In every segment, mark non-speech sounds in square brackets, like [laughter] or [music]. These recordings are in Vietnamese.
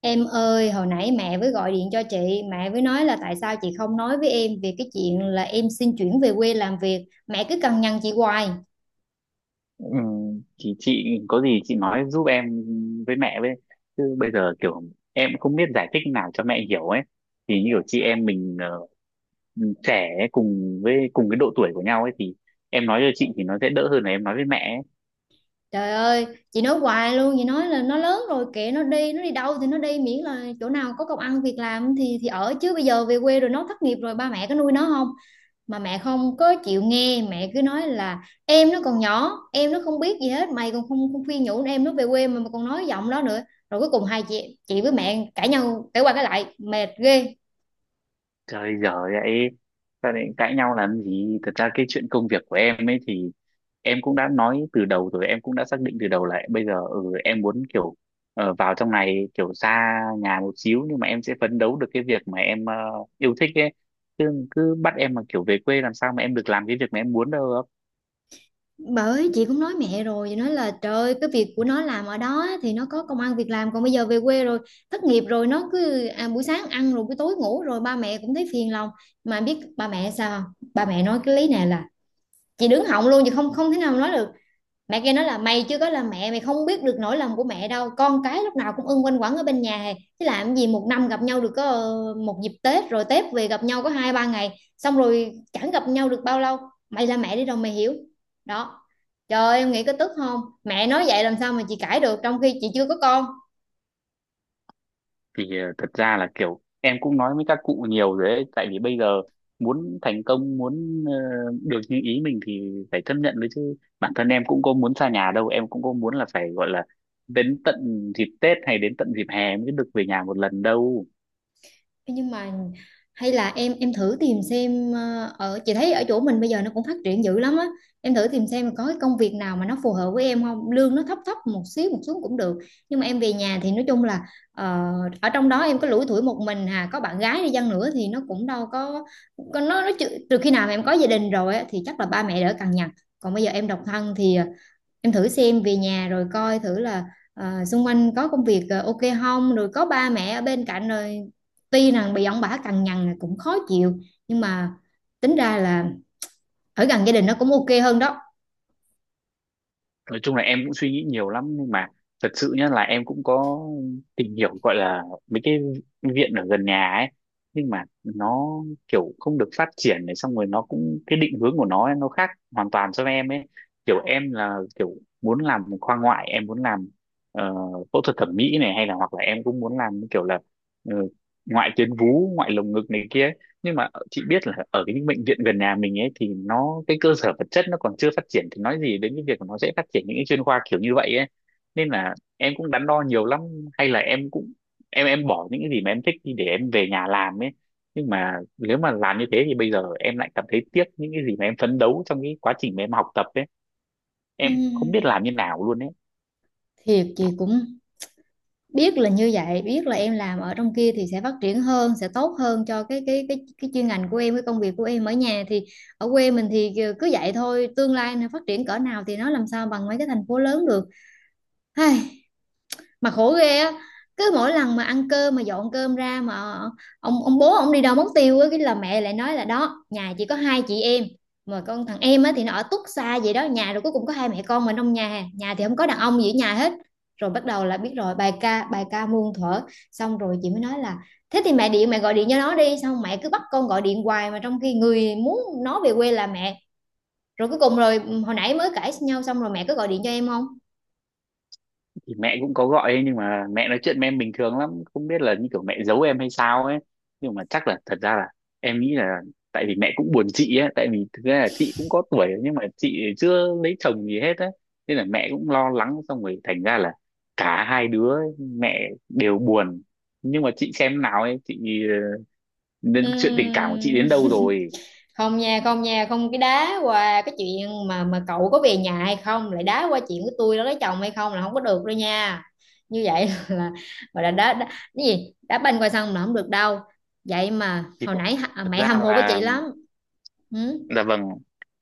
Em ơi, hồi nãy mẹ mới gọi điện cho chị, mẹ mới nói là tại sao chị không nói với em về cái chuyện là em xin chuyển về quê làm việc. Mẹ cứ cằn nhằn chị hoài. Ừ, thì chị có gì chị nói giúp em với mẹ với, chứ bây giờ kiểu em cũng không biết giải thích nào cho mẹ hiểu ấy. Thì như kiểu chị em mình trẻ ấy, cùng với cùng cái độ tuổi của nhau ấy, thì em nói cho chị thì nó sẽ đỡ hơn là em nói với mẹ ấy. Trời ơi, chị nói hoài luôn, chị nói là nó lớn rồi kệ nó đi đâu thì nó đi miễn là chỗ nào có công ăn việc làm thì ở, chứ bây giờ về quê rồi nó thất nghiệp rồi ba mẹ có nuôi nó không? Mà mẹ không có chịu nghe, mẹ cứ nói là em nó còn nhỏ, em nó không biết gì hết, mày còn không khuyên nhủ em nó về quê, mà còn nói giọng đó nữa. Rồi cuối cùng hai chị với mẹ cãi nhau, cãi qua cãi lại mệt ghê. Trời, giờ vậy sao lại cãi nhau làm gì. Thật ra cái chuyện công việc của em ấy thì em cũng đã nói từ đầu rồi, em cũng đã xác định từ đầu là bây giờ em muốn kiểu vào trong này, kiểu xa nhà một xíu nhưng mà em sẽ phấn đấu được cái việc mà em yêu thích ấy, chứ cứ bắt em mà kiểu về quê làm sao mà em được làm cái việc mà em muốn đâu. Bởi chị cũng nói mẹ rồi, chị nói là trời ơi, cái việc của nó làm ở đó thì nó có công ăn việc làm, còn bây giờ về quê rồi thất nghiệp rồi nó cứ buổi sáng ăn rồi buổi tối ngủ rồi ba mẹ cũng thấy phiền lòng. Mà biết ba mẹ sao không? Ba mẹ nói cái lý này là chị đứng họng luôn, chị không không thể nào nói được. Mẹ kia nói là mày chưa có là mẹ mày không biết được nỗi lòng của mẹ đâu, con cái lúc nào cũng ưng quanh quẩn ở bên nhà hè. Chứ làm gì một năm gặp nhau được có một dịp Tết, rồi Tết về gặp nhau có hai ba ngày xong rồi chẳng gặp nhau được bao lâu. Mày là mẹ đi rồi mày hiểu đó. Trời ơi, em nghĩ có tức không, mẹ nói vậy làm sao mà chị cãi được trong khi chị chưa có con. Thì thật ra là kiểu em cũng nói với các cụ nhiều rồi đấy, tại vì bây giờ muốn thành công, muốn được như ý mình thì phải chấp nhận đấy, chứ bản thân em cũng có muốn xa nhà đâu, em cũng có muốn là phải gọi là đến tận dịp Tết hay đến tận dịp hè mới được về nhà một lần đâu. Thế nhưng mà hay là em thử tìm xem, ở chị thấy ở chỗ mình bây giờ nó cũng phát triển dữ lắm á. Em thử tìm xem có cái công việc nào mà nó phù hợp với em không, lương nó thấp thấp một xíu cũng được, nhưng mà em về nhà thì nói chung là ờ, ở trong đó em có lủi thủi một mình hà, có bạn gái đi chăng nữa thì nó cũng đâu có nó, nó trừ khi nào mà em có gia đình rồi á, thì chắc là ba mẹ đỡ cằn nhằn. Còn bây giờ em độc thân thì em thử xem về nhà rồi coi thử là, xung quanh có công việc ok không, rồi có ba mẹ ở bên cạnh rồi, tuy rằng bị ông bà cằn nhằn là cũng khó chịu, nhưng mà tính ra là ở gần gia đình nó cũng ok hơn đó. Nói chung là em cũng suy nghĩ nhiều lắm nhưng mà thật sự nhá là em cũng có tìm hiểu, gọi là mấy cái viện ở gần nhà ấy, nhưng mà nó kiểu không được phát triển này, xong rồi nó cũng cái định hướng của nó ấy, nó khác hoàn toàn so với em ấy. Kiểu em là kiểu muốn làm khoa ngoại, em muốn làm ờ, phẫu thuật thẩm mỹ này, hay là hoặc là em cũng muốn làm kiểu là ờ, ngoại tuyến vú, ngoại lồng ngực này kia. Nhưng mà chị biết là ở cái những bệnh viện gần nhà mình ấy thì nó cái cơ sở vật chất nó còn chưa phát triển, thì nói gì đến cái việc mà nó sẽ phát triển những cái chuyên khoa kiểu như vậy ấy. Nên là em cũng đắn đo nhiều lắm, hay là em cũng em bỏ những cái gì mà em thích đi để em về nhà làm ấy. Nhưng mà nếu mà làm như thế thì bây giờ em lại cảm thấy tiếc những cái gì mà em phấn đấu trong cái quá trình mà em học tập ấy. Em không biết Ừm, làm như nào luôn ấy. thiệt chị cũng biết là như vậy, biết là em làm ở trong kia thì sẽ phát triển hơn, sẽ tốt hơn cho cái chuyên ngành của em, cái công việc của em ở nhà thì, ở quê mình thì cứ vậy thôi, tương lai nó phát triển cỡ nào thì nó làm sao bằng mấy cái thành phố lớn được. Ai, mà khổ ghê á, cứ mỗi lần mà ăn cơm mà dọn cơm ra mà ông bố ông đi đâu mất tiêu á, cái là mẹ lại nói là đó nhà chỉ có hai chị em, mà con thằng em á thì nó ở tuốt xa vậy đó nhà, rồi cuối cùng có hai mẹ con mà trong nhà nhà thì không có đàn ông gì ở nhà hết. Rồi bắt đầu là biết rồi, bài ca muôn thuở. Xong rồi chị mới nói là thế thì mẹ điện mẹ gọi điện cho nó đi, xong mẹ cứ bắt con gọi điện hoài mà trong khi người muốn nó về quê là mẹ. Rồi cuối cùng rồi hồi nãy mới cãi nhau xong rồi mẹ cứ gọi điện cho em không. Thì mẹ cũng có gọi ấy, nhưng mà mẹ nói chuyện với em bình thường lắm, không biết là như kiểu mẹ giấu em hay sao ấy. Nhưng mà chắc là thật ra là em nghĩ là tại vì mẹ cũng buồn chị ấy, tại vì thực ra là chị cũng có tuổi rồi, nhưng mà chị chưa lấy chồng gì hết á, nên là mẹ cũng lo lắng, xong rồi thành ra là cả hai đứa mẹ đều buồn. Nhưng mà chị xem nào ấy, chị nên chuyện tình cảm của chị Ừm. đến đâu [laughs] rồi? Không nha, không nha, không, cái đá qua cái chuyện mà cậu có về nhà hay không lại đá qua chuyện của tôi đó, lấy chồng hay không là không có được đâu nha. Như vậy [laughs] là gọi là đá cái gì đá banh qua sông là không được đâu. Vậy mà thì hồi thật nãy thật mẹ ra hâm mộ với chị là. lắm. Ừ. Dạ vâng,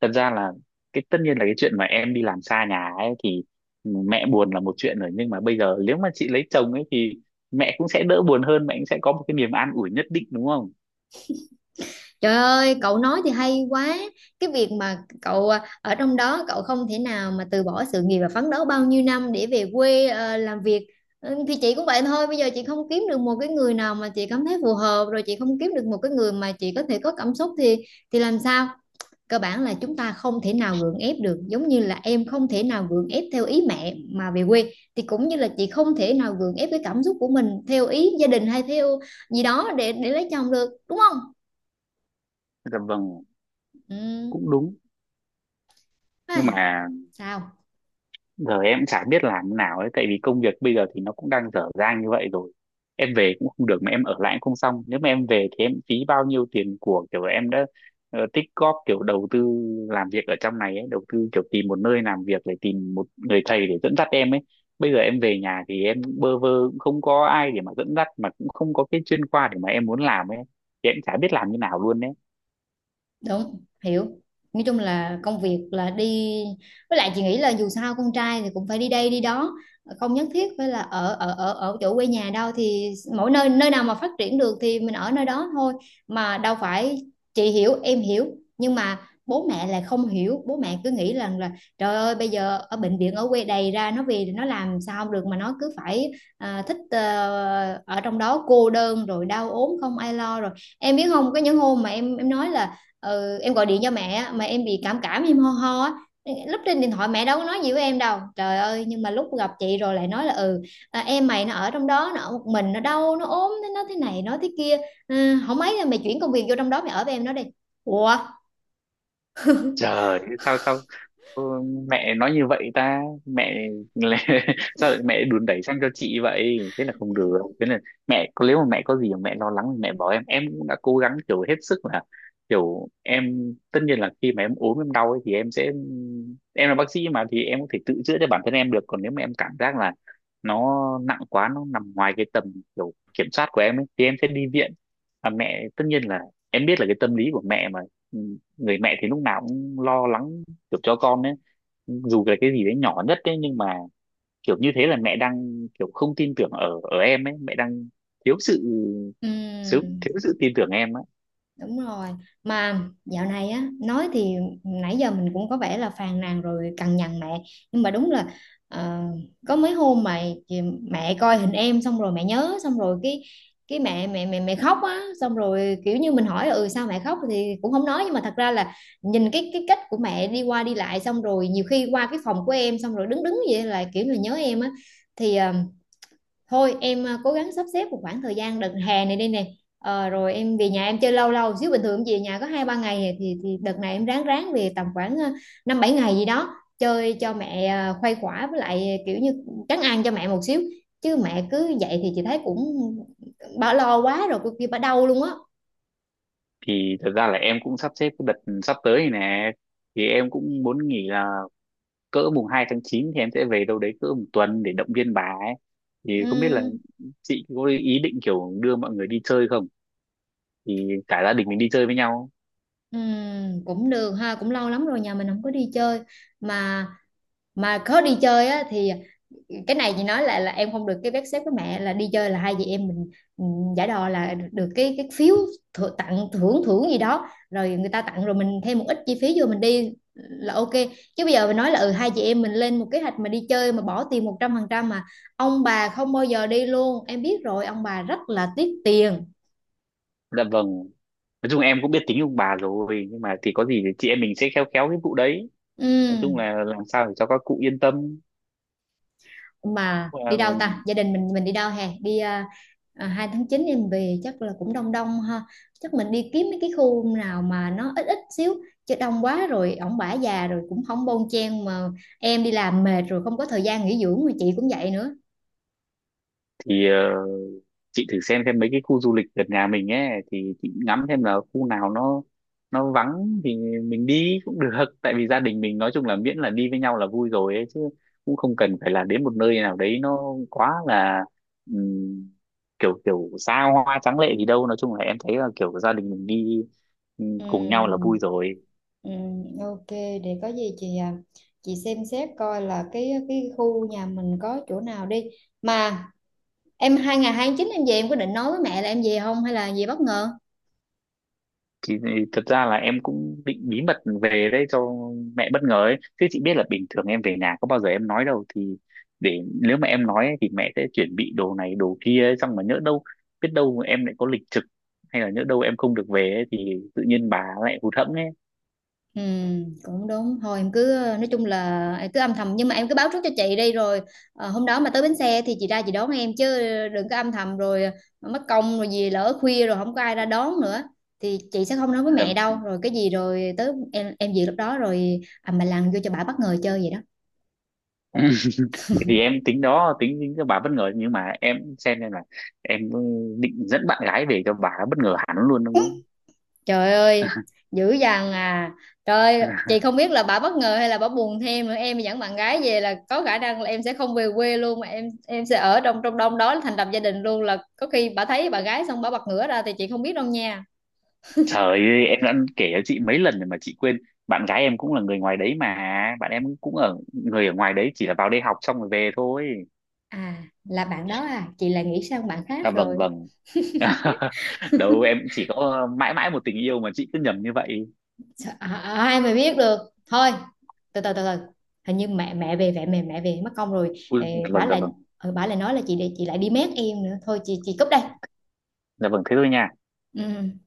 thật ra là cái tất nhiên là cái chuyện mà em đi làm xa nhà ấy thì mẹ buồn là một chuyện rồi, nhưng mà bây giờ nếu mà chị lấy chồng ấy thì mẹ cũng sẽ đỡ buồn hơn, mẹ cũng sẽ có một cái niềm an ủi nhất định, đúng không? Trời ơi, cậu nói thì hay quá. Cái việc mà cậu ở trong đó cậu không thể nào mà từ bỏ sự nghiệp và phấn đấu bao nhiêu năm để về quê làm việc. Ừ, thì chị cũng vậy thôi, bây giờ chị không kiếm được một cái người nào mà chị cảm thấy phù hợp, rồi chị không kiếm được một cái người mà chị có thể có cảm xúc thì làm sao? Cơ bản là chúng ta không thể nào gượng ép được, giống như là em không thể nào gượng ép theo ý mẹ mà về quê, thì cũng như là chị không thể nào gượng ép cái cảm xúc của mình theo ý gia đình hay theo gì đó để lấy chồng được, đúng không? Dạ vâng, Ừ. cũng đúng. Nhưng Ai, mà sao giờ em cũng chả biết làm thế nào ấy, tại vì công việc bây giờ thì nó cũng đang dở dang như vậy rồi. Em về cũng không được mà em ở lại cũng không xong. Nếu mà em về thì em phí bao nhiêu tiền của, kiểu em đã tích góp, kiểu đầu tư làm việc ở trong này ấy, đầu tư kiểu tìm một nơi làm việc, để tìm một người thầy để dẫn dắt em ấy. Bây giờ em về nhà thì em cũng bơ vơ, cũng không có ai để mà dẫn dắt, mà cũng không có cái chuyên khoa để mà em muốn làm ấy. Thì em chả biết làm như nào luôn đấy. đúng hiểu, nói chung là công việc là đi, với lại chị nghĩ là dù sao con trai thì cũng phải đi đây đi đó, không nhất thiết phải là ở ở ở ở chỗ quê nhà đâu, thì mỗi nơi nơi nào mà phát triển được thì mình ở nơi đó thôi. Mà đâu phải, chị hiểu em hiểu, nhưng mà bố mẹ lại không hiểu, bố mẹ cứ nghĩ rằng là trời ơi bây giờ ở bệnh viện ở quê đầy ra, nó về thì nó làm sao được mà nó cứ phải thích ở trong đó cô đơn rồi đau ốm không ai lo rồi. Em biết không, có những hôm mà em nói là ừ, em gọi điện cho mẹ á, mà em bị cảm cảm em ho ho á, lúc trên điện thoại mẹ đâu có nói gì với em đâu trời ơi, nhưng mà lúc gặp chị rồi lại nói là ừ em mày nó ở trong đó nó ở một mình nó đau nó ốm nó thế này nó thế kia. Ừ, không mấy là mày chuyển công việc vô trong đó mày ở với em nó đi. Ủa. Trời, sao sao ừ, mẹ nói như vậy ta mẹ. Là, [laughs] sao lại mẹ đùn đẩy sang cho chị vậy, thế là không được. Thế là nếu mà mẹ có gì mà mẹ lo lắng thì mẹ bảo em cũng đã cố gắng kiểu hết sức là. Kiểu em tất nhiên là khi mà em ốm em đau ấy, thì em sẽ em là bác sĩ mà, thì em có thể tự chữa cho bản thân em được. Còn nếu mà em cảm giác là nó nặng quá, nó nằm ngoài cái tầm kiểu kiểm soát của em ấy, thì em sẽ đi viện. Và mẹ tất nhiên là em biết là cái tâm lý của mẹ mà, ừ, người mẹ thì lúc nào cũng lo lắng kiểu cho con ấy, dù là cái gì đấy nhỏ nhất đấy. Nhưng mà kiểu như thế là mẹ đang kiểu không tin tưởng ở ở em ấy, mẹ đang thiếu sự thiếu, Ừ. thiếu sự tin tưởng em ấy. Đúng rồi. Mà dạo này á, nói thì nãy giờ mình cũng có vẻ là phàn nàn rồi cằn nhằn mẹ. Nhưng mà đúng là ờ, có mấy hôm mà chị- mẹ coi hình em xong rồi mẹ nhớ xong rồi cái mẹ mẹ mẹ mẹ khóc á, xong rồi kiểu như mình hỏi ừ sao mẹ khóc thì cũng không nói, nhưng mà thật ra là nhìn cái cách của mẹ đi qua đi lại, xong rồi nhiều khi qua cái phòng của em xong rồi đứng đứng vậy là kiểu là nhớ em á. Thì thôi em cố gắng sắp xếp một khoảng thời gian đợt hè này đi nè. Ờ, rồi em về nhà em chơi lâu lâu xíu, bình thường em về nhà có hai ba ngày thì đợt này em ráng ráng về tầm khoảng năm bảy ngày gì đó chơi cho mẹ khuây khỏa, với lại kiểu như trấn an cho mẹ một xíu, chứ mẹ cứ vậy thì chị thấy cũng bà lo quá rồi cô kia bà đau luôn á. Thì thật ra là em cũng sắp xếp cái đợt sắp tới này nè, thì em cũng muốn nghỉ là cỡ mùng 2 tháng 9 thì em sẽ về đâu đấy cỡ một tuần để động viên bà ấy. Thì không biết là Ừm, chị có ý định kiểu đưa mọi người đi chơi không, thì cả gia đình mình đi chơi với nhau. Cũng được ha, cũng lâu lắm rồi nhà mình không có đi chơi. mà mà có đi chơi á thì cái này chị nói là em không được cái vé xếp với mẹ là đi chơi là hai chị em mình. Ừm, giả đò là được cái phiếu thử, tặng thưởng thưởng gì đó rồi người ta tặng rồi mình thêm một ít chi phí vô mình đi là ok. Chứ bây giờ mình nói là ừ hai chị em mình lên một kế hoạch mà đi chơi mà bỏ tiền một trăm phần trăm mà ông bà không bao giờ đi luôn, em biết rồi ông bà rất là tiếc tiền. Dạ vâng, nói chung em cũng biết tính ông bà rồi, nhưng mà thì có gì thì chị em mình sẽ khéo khéo cái vụ đấy. Ừ, Nói chung là làm sao để cho các cụ yên tâm. mà Ờ, đi đâu ta, gia đình mình đi đâu hè đi 2 tháng 9 em về chắc là cũng đông đông ha, chắc mình đi kiếm mấy cái khu nào mà nó ít ít xíu, chứ đông quá rồi ổng bả già rồi cũng không bon chen mà, em đi làm mệt rồi không có thời gian nghỉ dưỡng mà chị cũng vậy nữa. thì chị thử xem mấy cái khu du lịch gần nhà mình ấy thì chị ngắm xem là khu nào nó vắng thì mình đi cũng được. [laughs] Tại vì gia đình mình, nói chung là miễn là đi với nhau là vui rồi ấy chứ, cũng không cần phải là đến một nơi nào đấy nó quá là ừm, kiểu kiểu xa hoa tráng lệ gì đâu. Nói chung là em thấy là kiểu gia đình mình đi cùng nhau là vui Ừm. rồi. Ok, để có gì chị chị xem xét coi là cái khu nhà mình có chỗ nào đi. Mà em hai ngày hai chín em về em có định nói với mẹ là em về không hay là về bất ngờ. thì, Thật ra là em cũng định bí mật về đấy cho mẹ bất ngờ ấy, chứ chị biết là bình thường em về nhà có bao giờ em nói đâu. Thì để nếu mà em nói ấy, thì mẹ sẽ chuẩn bị đồ này đồ kia ấy, xong mà nhỡ đâu biết đâu mà em lại có lịch trực, hay là nhỡ đâu em không được về ấy, thì tự nhiên bà lại hụt hẫng ấy. Ừ, cũng đúng thôi em cứ nói chung là em cứ âm thầm nhưng mà em cứ báo trước cho chị đi rồi, ờ, hôm đó mà tới bến xe thì chị ra chị đón em chứ đừng có âm thầm rồi mất công rồi gì lỡ khuya rồi không có ai ra đón nữa. Thì chị sẽ không nói với mẹ Là- đâu, rồi cái gì rồi tới em về lúc đó rồi mà làm vô cho bà bất ngờ chơi vậy đó. [laughs] thì em tính đó tính tính cho bà bất ngờ, nhưng mà em xem là em định dẫn bạn gái về cho bà bất ngờ hẳn luôn, đúng không? Trời ơi, dữ dằn à. Trời ơi, chị [laughs] không biết là bà bất ngờ hay là bà buồn thêm nữa. Em dẫn bạn gái về là có khả năng là em sẽ không về quê luôn mà em sẽ ở trong trong đông đó thành lập gia đình luôn, là có khi bà thấy bạn gái xong bà bật ngửa ra thì chị không biết đâu nha. Trời ơi, em đã kể cho chị mấy lần rồi mà chị quên. Bạn gái em cũng là người ngoài đấy mà. Bạn em cũng người ở ngoài đấy, chỉ là vào đây học xong rồi về thôi. À, là bạn đó à, chị là nghĩ sang bạn khác À vâng rồi. vâng. [laughs] Đâu, em chỉ có mãi mãi một tình yêu mà chị cứ nhầm như vậy. À, à, ai mà biết được. Thôi, từ từ. Hình như mẹ mẹ về mẹ mẹ mẹ về mất công rồi. Ui, dạ Ê, bả vâng dạ lại vâng. Bả lại nói là chị để chị lại đi mét em nữa. Thôi chị cúp đây. Dạ vâng, thế thôi nha. Ừ.